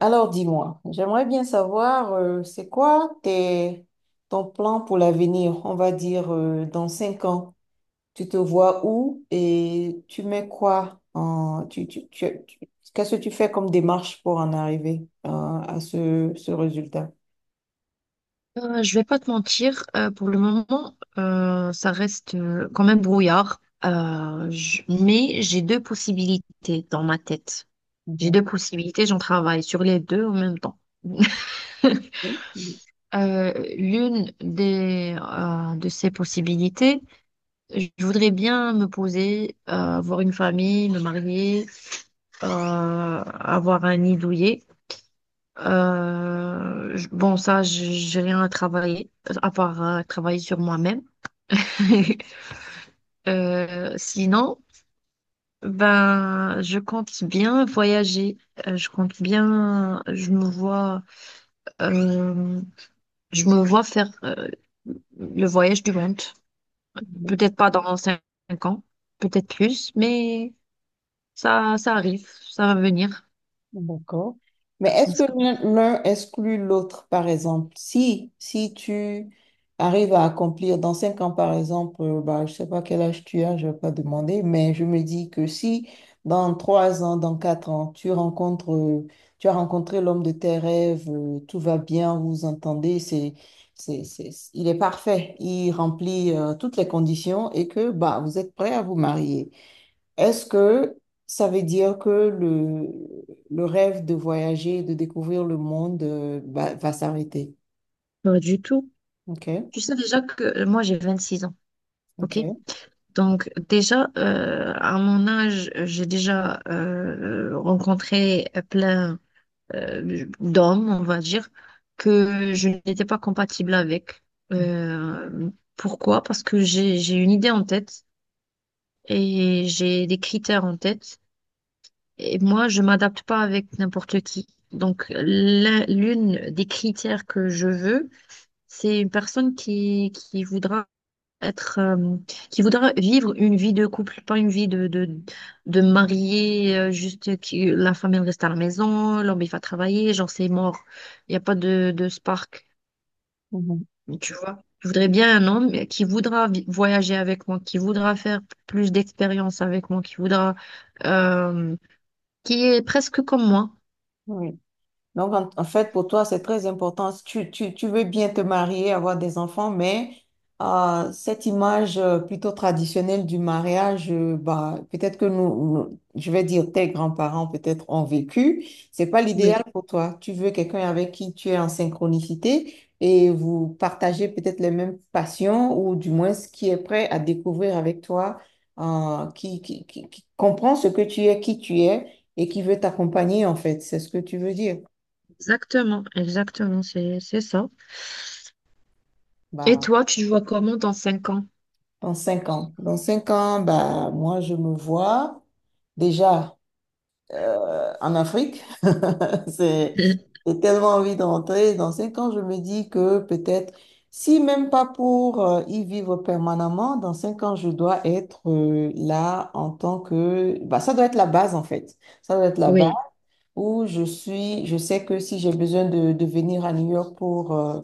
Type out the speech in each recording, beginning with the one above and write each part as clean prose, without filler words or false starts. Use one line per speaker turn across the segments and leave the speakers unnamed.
Alors dis-moi, j'aimerais bien savoir, c'est quoi ton plan pour l'avenir? On va dire, dans cinq ans, tu te vois où et tu mets quoi en, qu'est-ce que tu fais comme démarche pour en arriver, à ce résultat?
Je vais pas te mentir, pour le moment, ça reste quand même brouillard. Mais j'ai deux possibilités dans ma tête. J'ai
Mhm.
deux possibilités, j'en travaille sur les deux en même temps. Euh, L'une des de ces possibilités, je voudrais bien me poser, avoir une famille, me marier, avoir un nid douillet. Bon, ça, j'ai rien à travailler, à part travailler sur moi-même. Sinon, ben, je compte bien voyager. Je compte bien, euh, je me vois faire le voyage du monde.
Oui.
Peut-être pas dans 5 ans, peut-être plus, mais ça arrive, ça va venir.
D'accord. Mais est-ce
Parce
que
que-
l'un exclut l'autre, par exemple? Si tu arrives à accomplir dans cinq ans, par exemple, bah, je sais pas quel âge tu as, je vais pas demander, mais je me dis que si dans trois ans, dans quatre ans, tu as rencontré l'homme de tes rêves, tout va bien, vous vous entendez, il est parfait, il remplit, toutes les conditions et que, bah, vous êtes prêt à vous marier. Est-ce que ça veut dire que le rêve de voyager, de découvrir le monde, va s'arrêter?
Pas du tout.
Ok,
Tu sais déjà que moi j'ai 26 ans, ok?
ok.
Donc déjà, à mon âge, j'ai déjà rencontré plein d'homme, on va dire, que je n'étais pas compatible avec. Euh, Pourquoi? Parce que j'ai une idée en tête et j'ai des critères en tête. Et moi, je m'adapte pas avec n'importe qui. Donc, l'une des critères que je veux, c'est une personne qui voudra être qui voudrait vivre une vie de couple, pas une vie de marié, juste que la femme elle reste à la maison, l'homme il va travailler, genre c'est mort. Il n'y a pas de spark,
Mhm.
tu vois. Je voudrais bien un homme qui voudra voyager avec moi, qui voudra faire plus d'expériences avec moi, qui voudra euh, qui est presque comme moi.
Oui. Donc, en fait, pour toi, c'est très important. Tu veux bien te marier, avoir des enfants, mais cette image plutôt traditionnelle du mariage, bah, peut-être que je vais dire, tes grands-parents peut-être ont vécu. C'est pas l'idéal
Oui,
pour toi. Tu veux quelqu'un avec qui tu es en synchronicité et vous partagez peut-être les mêmes passions ou du moins ce qui est prêt à découvrir avec toi, qui comprend ce que tu es, qui tu es et qui veut t'accompagner, en fait. C'est ce que tu veux dire.
exactement, exactement, c'est ça. Et
Bah,
toi, tu te vois comment dans 5 ans?
dans cinq ans. Dans cinq ans, bah, moi, je me vois déjà en Afrique. C'est, j'ai tellement envie d'entrer. Dans cinq ans, je me dis que peut-être, si même pas pour y vivre permanemment, dans cinq ans, je dois être là en tant que. Bah, ça doit être la base, en fait. Ça doit être la
Oui,
où je suis, je sais que si j'ai besoin de, venir à New York pour euh,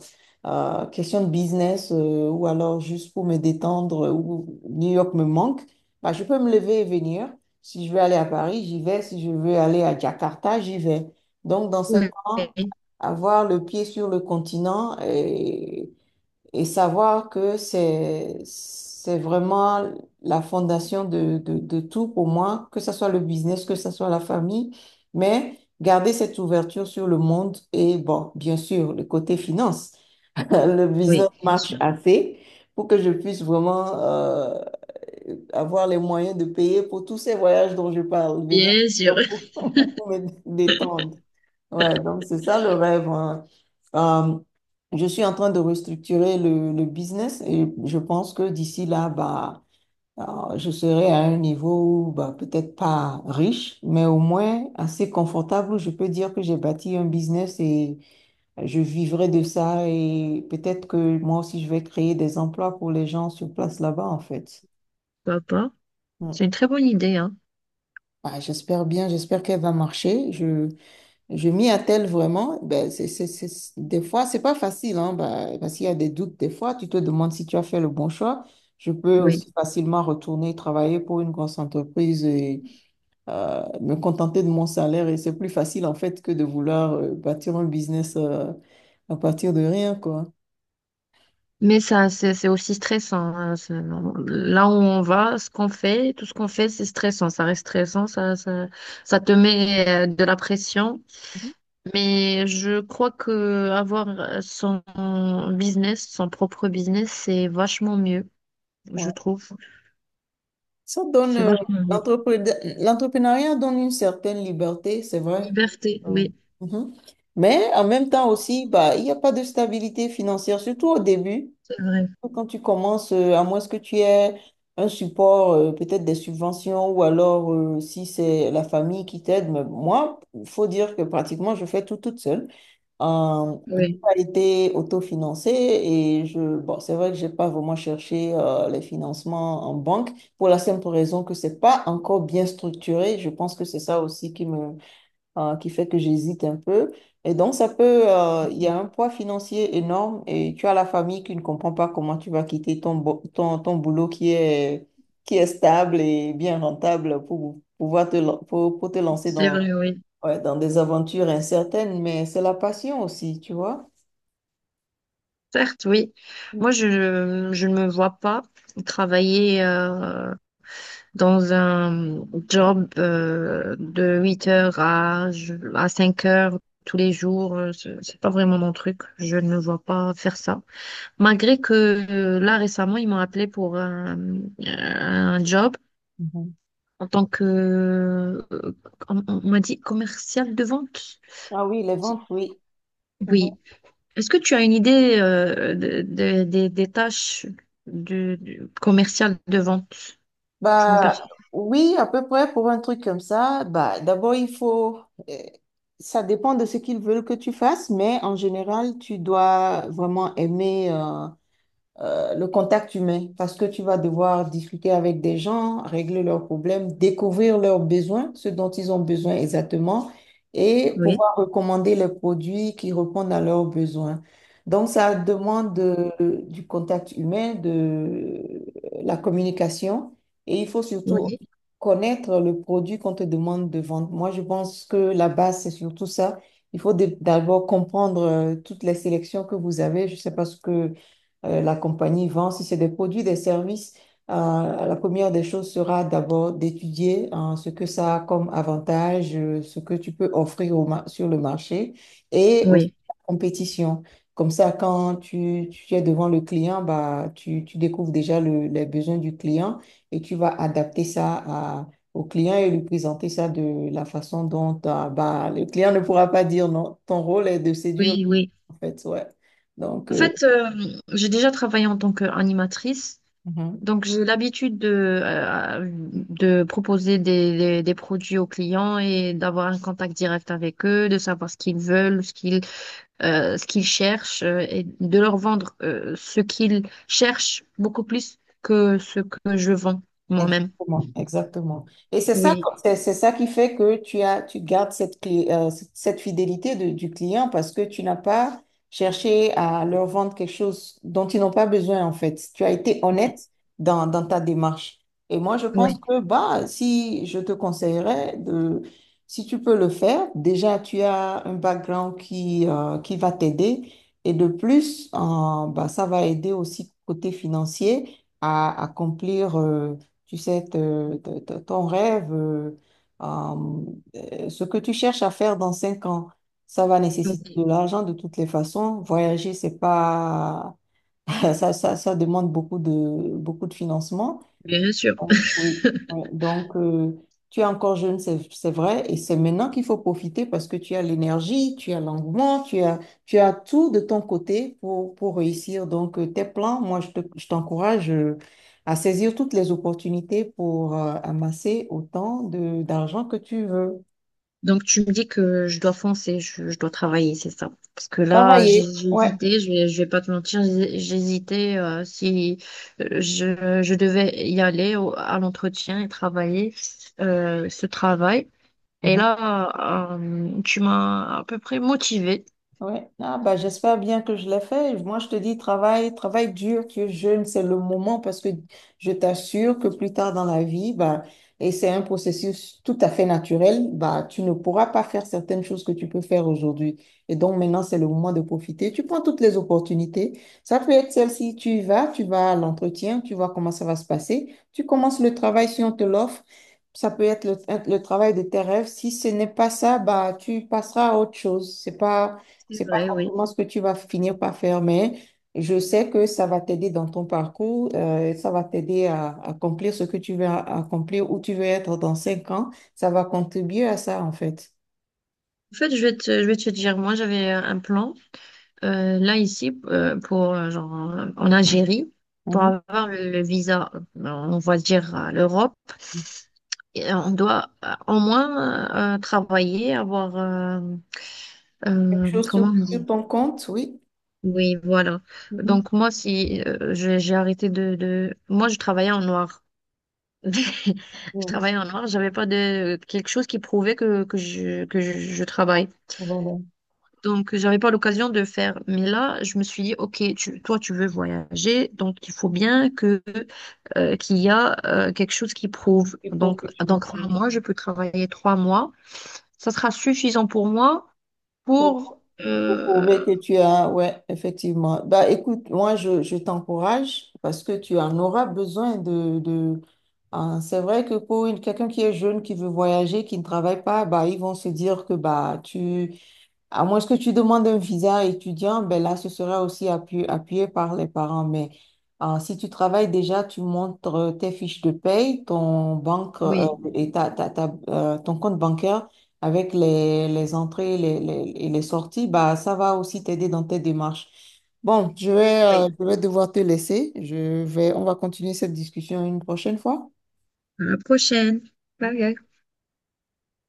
euh, question de business ou alors juste pour me détendre ou New York me manque, bah, je peux me lever et venir. Si je veux aller à Paris, j'y vais. Si je veux aller à Jakarta, j'y vais. Donc, dans cinq
oui,
ans, avoir le pied sur le continent et savoir que c'est vraiment la fondation de tout pour moi, que ce soit le business, que ce soit la famille, mais garder cette ouverture sur le monde et bon, bien sûr, le côté finance. Le business
oui, bien
marche
sûr.
assez pour que je puisse vraiment avoir les moyens de payer pour tous ces voyages dont je parle, venir
Bien sûr.
pour me détendre. Ouais, donc c'est ça le rêve, hein. Euh, je suis en train de restructurer le business et je pense que d'ici là, bah, je serai à un niveau, bah, peut-être pas riche, mais au moins assez confortable où je peux dire que j'ai bâti un business et je vivrai de ça et peut-être que moi aussi je vais créer des emplois pour les gens sur place là-bas en fait.
Pourquoi pas?
Mm.
C'est une très bonne idée, hein.
Bah, j'espère bien, j'espère qu'elle va marcher. Je m'y attelle vraiment. Ben, des fois, c'est pas facile, hein, ben, parce qu'il y a des doutes. Des fois, tu te demandes si tu as fait le bon choix. Je peux
Oui.
aussi facilement retourner travailler pour une grosse entreprise et me contenter de mon salaire. Et c'est plus facile, en fait, que de vouloir bâtir un business à partir de rien, quoi.
Mais ça, c'est aussi stressant. Hein. Là où on va, ce qu'on fait, tout ce qu'on fait, c'est stressant. Ça reste stressant, ça te met de la pression. Mais je crois que avoir son business, son propre business, c'est vachement mieux, je
Mhm.
trouve.
Ça donne,
C'est
euh,
vachement mieux.
l'entrepreneuriat donne une certaine liberté, c'est vrai.
Liberté,
Euh,
oui,
mhm. Mais en même temps aussi, bah, il n'y a pas de stabilité financière, surtout au début,
c'est vrai.
quand tu commences, à moins que tu aies un support, peut-être des subventions, ou alors si c'est la famille qui t'aide. Mais moi, il faut dire que pratiquement, je fais tout toute seule. Tout
Oui,
a été autofinancé et bon, c'est vrai que j'ai pas vraiment cherché les financements en banque pour la simple raison que c'est pas encore bien structuré. Je pense que c'est ça aussi qui fait que j'hésite un peu. Et donc, il y a un poids financier énorme et tu as la famille qui ne comprend pas comment tu vas quitter ton boulot qui est stable et bien rentable pour pouvoir pour te lancer
c'est
dans
vrai, oui.
ouais, dans des aventures incertaines, mais c'est la passion aussi, tu vois.
Certes, oui.
Mm,
Moi, je ne me vois pas travailler dans un job de 8 heures à 5 heures tous les jours. C'est pas vraiment mon truc. Je ne me vois pas faire ça. Malgré que là, récemment, ils m'ont appelé pour un job
mhm.
en tant que, on m'a dit commercial de vente.
Ah oui, les ventes, oui. Mhm.
Oui, est-ce que tu as une idée des tâches du commercial de vente? Je m'en
Bah
perçois.
oui, à peu près pour un truc comme ça. Bah d'abord euh, ça dépend de ce qu'ils veulent que tu fasses, mais en général tu dois vraiment aimer le contact humain parce que tu vas devoir discuter avec des gens, régler leurs problèmes, découvrir leurs besoins, ce dont ils ont besoin exactement, et
Oui,
pouvoir recommander les produits qui répondent à leurs besoins. Donc, ça demande du contact humain, de la communication, et il faut surtout
oui,
connaître le produit qu'on te demande de vendre. Moi, je pense que la base, c'est surtout ça. Il faut d'abord comprendre toutes les sélections que vous avez. Je ne sais pas ce que la compagnie vend, si c'est des produits, des services, euh, la première des choses sera d'abord d'étudier, hein, ce que ça a comme avantage, ce que tu peux offrir sur le marché et aussi
oui,
la compétition. Comme ça, quand tu es devant le client, bah, tu découvres déjà les besoins du client et tu vas adapter ça au client et lui présenter ça de la façon dont ah, bah, le client ne pourra pas dire non. Ton rôle est de séduire,
oui, oui.
en fait. Ouais. Donc,
En
euh,
fait, j'ai déjà travaillé en tant qu'animatrice,
mhm.
donc j'ai l'habitude de proposer des produits aux clients et d'avoir un contact direct avec eux, de savoir ce qu'ils veulent, ce qu'ils cherchent et de leur vendre ce qu'ils cherchent beaucoup plus que ce que je vends moi-même.
Exactement, exactement. Et c'est ça,
Oui.
c'est ça qui fait que tu gardes cette clé, cette fidélité du client parce que tu n'as pas cherché à leur vendre quelque chose dont ils n'ont pas besoin en fait. Tu as été
Oui,
honnête dans ta démarche. Et moi, je pense
oui,
que bah, si je te conseillerais de, si tu peux le faire, déjà tu as un background qui va t'aider et de plus, bah, ça va aider aussi côté financier à accomplir. Tu sais, te- te- te- ton rêve, euh, ce que tu cherches à faire dans cinq ans, ça va nécessiter
oui,
de l'argent de toutes les façons. Voyager, c'est pas, ça demande beaucoup de financement.
bien sûr.
Oui, oui, oui. Donc, tu es encore jeune, c'est vrai, et c'est maintenant qu'il faut profiter parce que tu as l'énergie, tu as l'engouement, tu as tout de ton côté pour réussir. Donc, tes plans, moi, je t'encourage à saisir toutes les opportunités pour amasser autant d'argent que tu veux.
Donc tu me dis que je dois foncer, je dois travailler, c'est ça. Parce que là,
Travailler,
j'ai
ouais.
hésité, je vais pas te mentir, j'ai hésité si je devais y aller à l'entretien et travailler ce travail. Et
Mhm.
là, tu m'as à peu près motivée.
Ouais. Ah, bah, j'espère bien que je l'ai fait. Moi, je te dis, travail, travail dur, que jeune, c'est le moment parce que je t'assure que plus tard dans la vie, bah, et c'est un processus tout à fait naturel, bah, tu ne pourras pas faire certaines choses que tu peux faire aujourd'hui. Et donc, maintenant, c'est le moment de profiter. Tu prends toutes les opportunités. Ça peut être celle-ci, tu y vas, tu vas à l'entretien, tu vois comment ça va se passer. Tu commences le travail si on te l'offre. Ça peut être le travail de tes rêves. Si ce n'est pas ça, bah, tu passeras à autre chose. C'est pas
C'est
c'est pas
vrai, oui.
forcément ce que tu vas finir par faire, mais je sais que ça va t'aider dans ton parcours, ça va t'aider à accomplir ce que tu veux accomplir, où tu veux être dans cinq ans. Ça va contribuer à ça, en fait.
En fait, je vais te dire, moi j'avais un plan. Là, ici, pour, genre, en Algérie, pour
Mhm.
avoir le visa, on va dire à l'Europe, et on doit au moins travailler, avoir...
Quelque chose
comment
sur,
on
sur
dit?
ton compte, oui.
Oui, voilà.
Mhm.
Donc, moi, si j'ai arrêté de... Moi, je travaillais en noir. Je
Mm.
travaillais en noir, j'avais pas de quelque chose qui prouvait je travaille.
Voilà.
Donc, j'avais pas l'occasion de faire. Mais là, je me suis dit, OK, toi, tu veux voyager, donc il faut bien que qu'il y a quelque chose qui prouve.
Et pour
Donc,
que tu
dans 3 mois, je peux travailler 3 mois. Ça sera suffisant pour moi pour...
Pour prouver que ouais, effectivement. Bah, écoute, moi, je t'encourage parce que tu en auras besoin. Hein, c'est vrai que pour quelqu'un qui est jeune, qui veut voyager, qui ne travaille pas, bah, ils vont se dire que à moins que tu demandes un visa étudiant, ben là, ce sera aussi appuyé par les parents. Mais si tu travailles déjà, tu montres tes fiches de paye, ton banque
oui,
et ton compte bancaire avec les entrées et et les sorties, bah, ça va aussi t'aider dans tes démarches. Bon,
oui.
je vais devoir te laisser. On va continuer cette discussion une prochaine fois.
À la prochaine. Bye. Bye.